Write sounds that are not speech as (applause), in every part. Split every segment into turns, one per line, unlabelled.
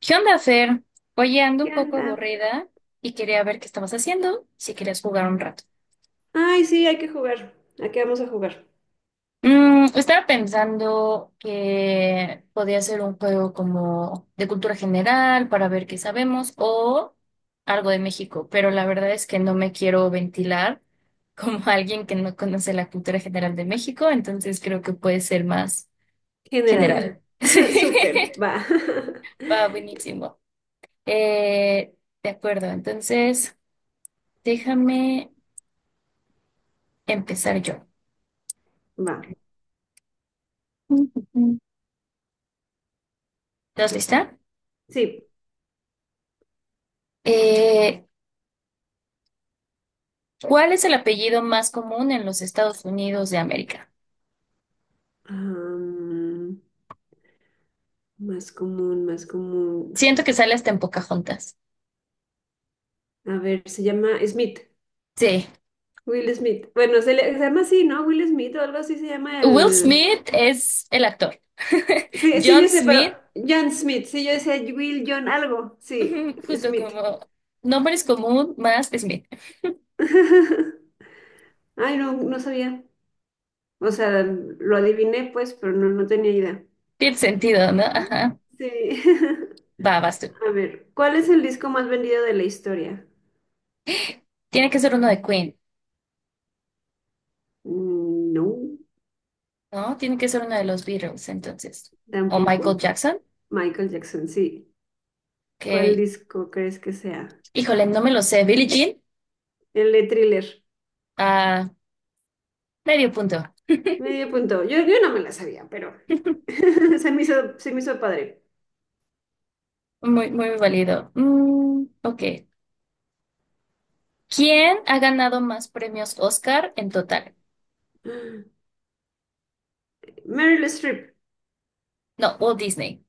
¿Qué onda, Fer? Oye, ando
¿Qué
un poco
anda?
aburrida y quería ver qué estabas haciendo, si querías jugar un rato.
Ay, sí, hay que jugar. ¿A qué vamos a jugar?
Estaba pensando que podía ser un juego como de cultura general para ver qué sabemos o algo de México, pero la verdad es que no me quiero ventilar como (laughs) alguien que no conoce la cultura general de México, entonces creo que puede ser más
General.
general. (laughs)
(laughs)
Sí,
Súper, va. (laughs)
va buenísimo. Eh, de acuerdo, entonces déjame empezar yo.
Va,
¿Estás lista?
sí.
Eh, ¿Cuál es el apellido más común en los Estados Unidos de América?
Am, Más común, más común. Ay,
Siento que sale hasta en Pocahontas.
a ver, se llama Smith.
Sí.
Will Smith. Bueno, se llama así, ¿no? Will Smith o algo así se llama
Will
el...
Smith es el actor. (laughs)
Sí, sí,
John
yo sé, pero
Smith,
John Smith. Sí, yo decía Will John algo. Sí,
(laughs) justo
Smith.
como nombre es común más Smith.
(laughs) Ay, no, no sabía. O sea, lo adiviné pues, pero no, no tenía idea.
Tiene sentido, ¿no? Ajá.
Sí. (laughs)
Va, vas tú.
A ver, ¿cuál es el disco más vendido de la historia?
Tiene que ser uno de Queen,
Mm, no,
¿no? Tiene que ser uno de los Beatles, entonces. O Michael
tampoco.
Jackson,
Michael Jackson, sí. ¿Cuál
que,
disco crees que sea?
híjole, no me lo sé. Billie Jean,
El de Thriller.
a medio punto.
Medio punto. Yo no me la sabía, pero
(laughs)
(laughs) se me hizo padre.
Muy, muy válido. Ok. ¿Quién ha ganado más premios Oscar en total?
Meryl Streep,
No, Walt Disney.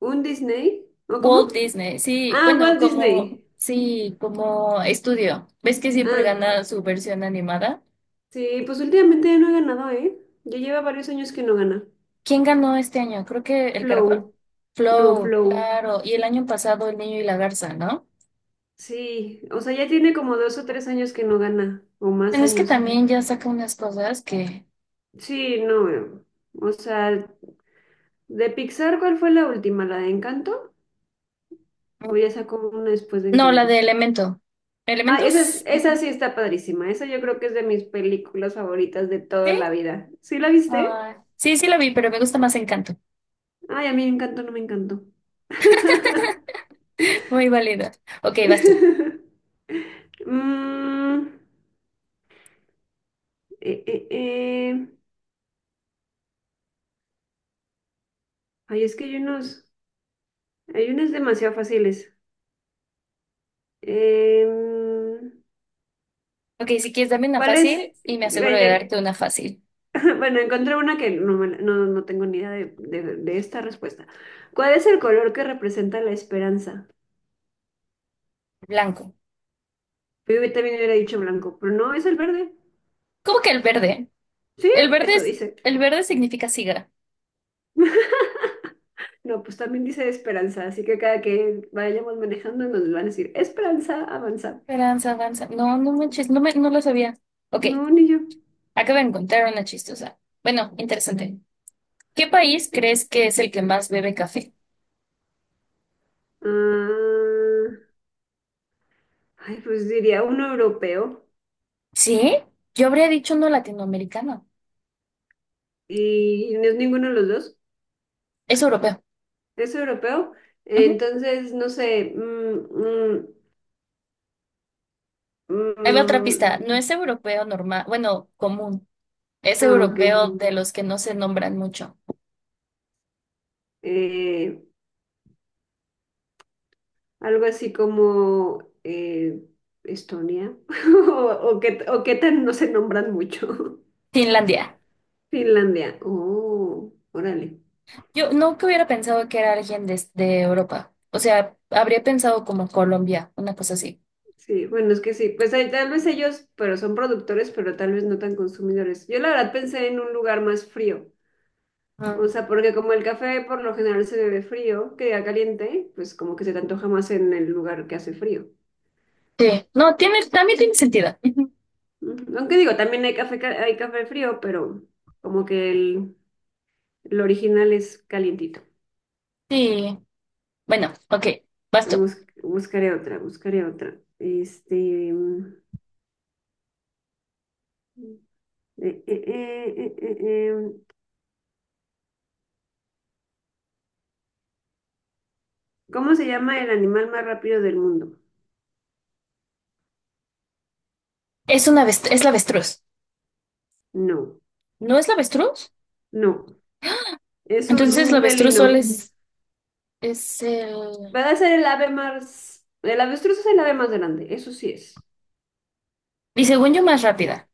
¿un Disney? ¿O cómo?
Walt Disney, sí,
Ah,
bueno,
Walt
como,
Disney.
sí, como estudio. ¿Ves que siempre
Ah,
gana su versión animada?
sí, pues últimamente no he ganado, ¿eh? Ya lleva varios años que no gana.
¿Quién ganó este año? Creo que el caracol.
Flow, no,
Flow,
Flow.
claro. Y el año pasado el niño y la garza, ¿no?
Sí, o sea, ya tiene como 2 o 3 años que no gana, o más
Bueno, es que
años.
también ya saca unas cosas que...
Sí, no, o sea, de Pixar, ¿cuál fue la última? ¿La de Encanto? ¿O ya sacó una después de
No, la de
Encanto?
Elemento.
Ah, esa,
¿Elementos?
esa sí está padrísima, esa yo creo que es de mis películas favoritas de toda la
Sí.
vida. ¿Sí la viste?
Ah, sí, sí la vi, pero me gusta más Encanto.
Ay, a mí Encanto no me encantó. (laughs)
Muy válida. Ok, vas tú.
Mm, eh, eh, eh. Ay, es que hay unas demasiado fáciles. Em,
Ok, si quieres, dame una
¿Cuál es?
fácil y me aseguro de darte
Ve,
una fácil.
(laughs) Bueno, encontré una que no, no, no tengo ni idea de esta respuesta. ¿Cuál es el color que representa la esperanza?
Blanco.
Yo también hubiera dicho blanco, pero no, es el verde.
¿Cómo que el verde?
Sí,
El verde
eso
es,
dice.
el verde significa siga.
(laughs) No, pues también dice esperanza, así que cada que vayamos manejando nos van a decir esperanza, avanza.
Esperanza, danza. No, no manches, no lo sabía. Ok,
No, ni yo.
acabo de encontrar una chistosa. Bueno, interesante. ¿Qué país crees que es el que más bebe café?
Ah, ay, pues diría uno europeo
¿Sí? Yo habría dicho no latinoamericano.
y no es ninguno de los dos.
Es europeo.
Es europeo.
Ujú.
Entonces, no sé. Mm,
Ahí va otra pista.
mm,
No es europeo normal, bueno, común. Es
ah, ok.
europeo de los que no se nombran mucho.
Eh, Algo así como Estonia. (laughs) O que tan no se nombran mucho.
Finlandia.
(laughs) Finlandia. Oh, órale.
Yo nunca hubiera pensado que era alguien de Europa. O sea, habría pensado como Colombia, una cosa así.
Sí, bueno, es que sí. Pues tal vez ellos, pero son productores, pero tal vez no tan consumidores. Yo la verdad pensé en un lugar más frío.
Ah.
O sea, porque como el café por lo general se bebe frío, queda caliente, pues como que se te antoja más en el lugar que hace frío.
Sí, no, tiene, también tiene sentido. Ujú.
Ujú. Aunque digo, también hay café, hay café frío, pero como que el original es calientito.
Sí, bueno, ok, basta.
Buscaré otra. Este, eh, eh, eh, eh, eh, eh, ¿cómo se llama el animal más rápido del mundo?
Es la avestruz.
No,
¿No es la avestruz?
no, es
Entonces la
un
avestruz solo
felino.
es el...
Va a ser el ave más, el avestruz es el ave más grande, eso sí es.
Y según yo, más rápida.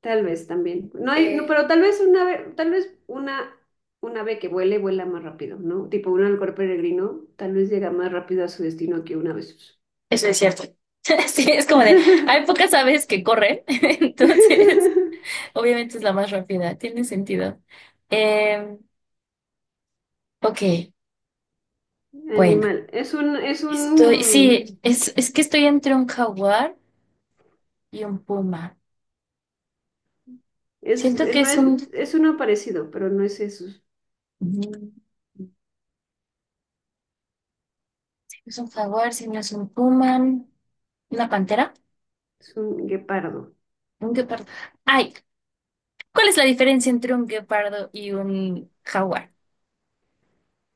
Tal vez también. No,
Eh,
pero tal vez una ave, una ave que vuela más rápido, ¿no? Tipo un halcón peregrino, tal vez llega más rápido a su destino que una ave.
Eso es cierto. (laughs) Sí, es como de, hay pocas aves que corren, (laughs) entonces
(laughs)
obviamente es la más rápida, tiene sentido. Eh, ok, bueno.
Animal.
Es que estoy entre un jaguar y un puma. Siento que
No es, es uno parecido, pero no es eso.
mm, es un jaguar, si no es un puma, una pantera,
Es un guepardo.
un guepardo. Ay, ¿cuál es la diferencia entre un guepardo y un jaguar?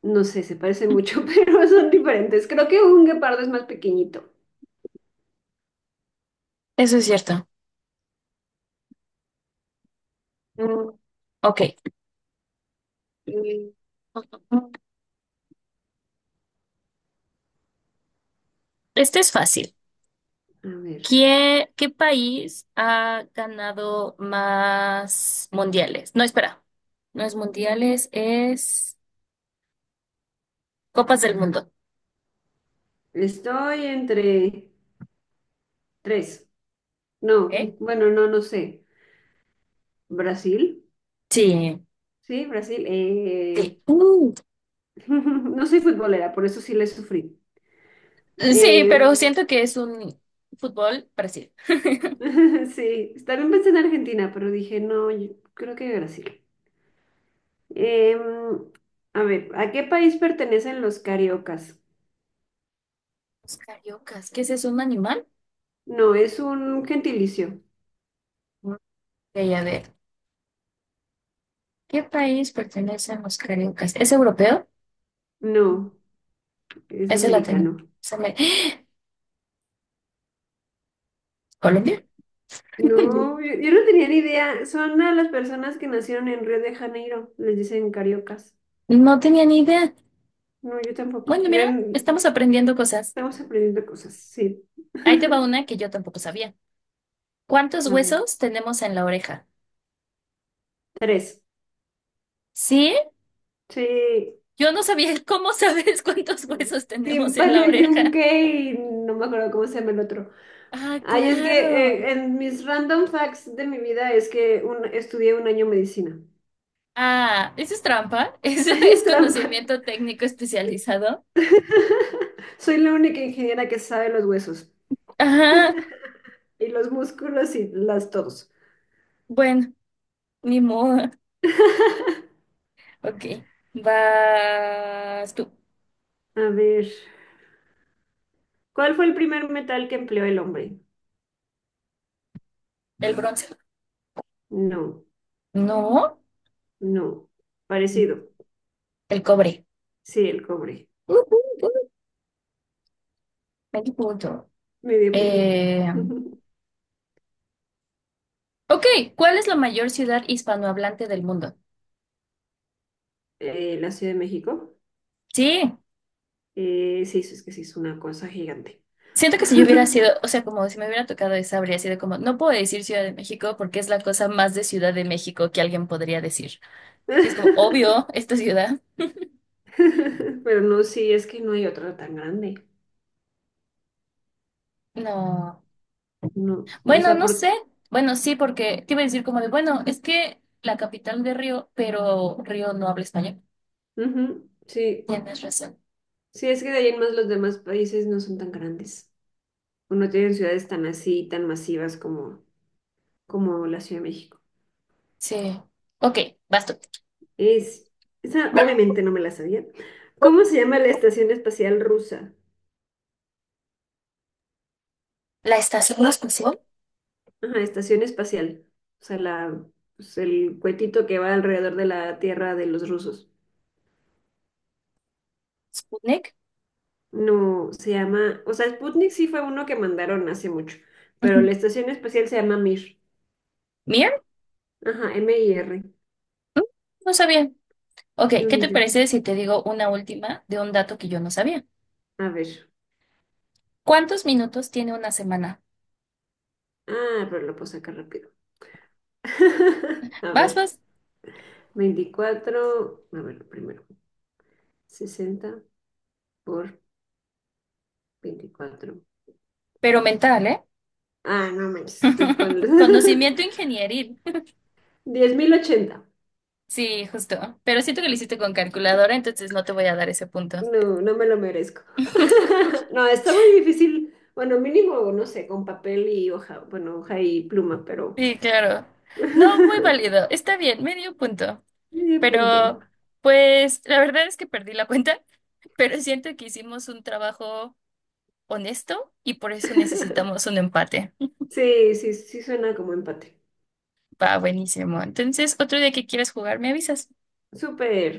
No sé, se parecen mucho, (laughs) pero son diferentes. Creo que un guepardo es más pequeñito.
Eso es cierto. Mm, Ok. Mm, Este es fácil.
A ver.
¿Qué país ha ganado más mundiales? No, espera. No es mundiales, es Copas del Mundo.
Estoy entre tres. No,
¿Ok?
bueno, no, no sé. Brasil,
Sí,
sí, Brasil.
sí.
(laughs) No soy futbolera, por eso sí le sufrí.
Sí, pero
Eh,
siento que es un fútbol Brasil.
(laughs) Sí, también pensé en Argentina, pero dije, no, yo creo que Brasil. Em, a ver, ¿a qué país pertenecen los cariocas?
Los cariocas, ¿qué es eso? ¿Un animal?
No, es un gentilicio.
Ok, a ver, ¿qué país pertenecen los cariocas? ¿Es europeo?
No, es
¿Es el latino?
americano.
Se me- ¡Ah! ¿Colombia? (laughs)
No, yo no tenía ni idea. Son a las personas que nacieron en Río de Janeiro, les dicen cariocas.
No tenía ni idea.
No, yo tampoco.
Bueno, mira, estamos aprendiendo cosas.
Estamos aprendiendo cosas, sí.
Ahí te va
(laughs)
una que yo tampoco sabía. ¿Cuántos
A ver,
huesos tenemos en la oreja?
tres.
¿Sí?
Sí.
Yo no sabía (laughs) cómo sabes cuántos huesos tenemos en la
Tímpano,
oreja.
yunque y no me acuerdo cómo se llama el otro.
Ah,
Ay, es que
claro.
en mis random facts de mi vida es que estudié un año medicina.
Ah, eso es trampa. (laughs)
(laughs)
Eso
Eso
es
es trampa.
conocimiento técnico especializado.
(laughs) Soy la única ingeniera que sabe los huesos
Ajá.
y los músculos y las todos.
Bueno, ni modo. Ok. Vas tú.
A ver, ¿cuál fue el primer metal que empleó el hombre?
El bronce.
No,
No.
no, parecido.
El cobre.
Sí, el cobre.
Uh, uh, uh, 20 puntos.
Medio punto.
Eh,
(laughs)
ok. ¿Cuál es la mayor ciudad hispanohablante del mundo?
La Ciudad de México.
Sí.
Sí, es que sí es una cosa gigante.
Siento que si yo hubiera sido,
(laughs)
o sea, como si me hubiera tocado esa, habría sido como, no puedo decir Ciudad de México porque es la cosa más de Ciudad de México que alguien podría decir. Que es como, obvio, esta ciudad.
Pero no, sí, es que no hay otra tan grande.
No,
No, o
bueno,
sea,
no sé.
por...
Bueno, sí, porque te iba a decir como de, bueno, es que la capital de Río, pero Río no habla español.
Ujú, sí,
Tienes razón.
sí, es que de ahí en más los demás países no son tan grandes. O no tienen ciudades tan así, tan masivas como la Ciudad de México.
Sí. Ok, basta.
Es, esa obviamente no me la sabía. ¿Cómo se llama la estación espacial rusa?
La estación de estación,
Ajá, estación espacial. O sea, pues, el cuetito que va alrededor de la Tierra de los rusos.
Sputnik.
No, se llama, o sea, Sputnik sí fue uno que mandaron hace mucho, pero
Ujú.
la estación espacial se llama Mir.
¿Mir?
Ajá, Mir.
Mm, No sabía. Ok,
Ni un
¿qué
ni
te
yo.
parece si te digo una última de un dato que yo no sabía?
A ver.
¿Cuántos minutos tiene una semana?
Ah, pero lo puedo sacar rápido. (laughs) A ver.
Vas,
24, a ver, primero. 60 por 24.
pero mental, ¿eh?
Ah, no manches, estoy con...
(laughs) Conocimiento
(laughs)
ingenieril.
10,080.
Sí, justo. Pero siento que lo hiciste con calculadora, entonces no te voy a dar ese punto.
No, no me lo merezco. (laughs) No, está muy difícil. Bueno, mínimo, no sé, con papel y hoja, bueno, hoja y pluma, pero
Sí, claro. No, muy
(laughs)
válido. Está bien, medio punto.
medio
Pero,
punto.
pues, la verdad es que perdí la cuenta, (laughs) pero siento que hicimos un trabajo honesto y por eso necesitamos un empate.
Sí, sí, sí suena como empate.
Va, buenísimo. Entonces, otro día que quieras jugar, me avisas.
Súper,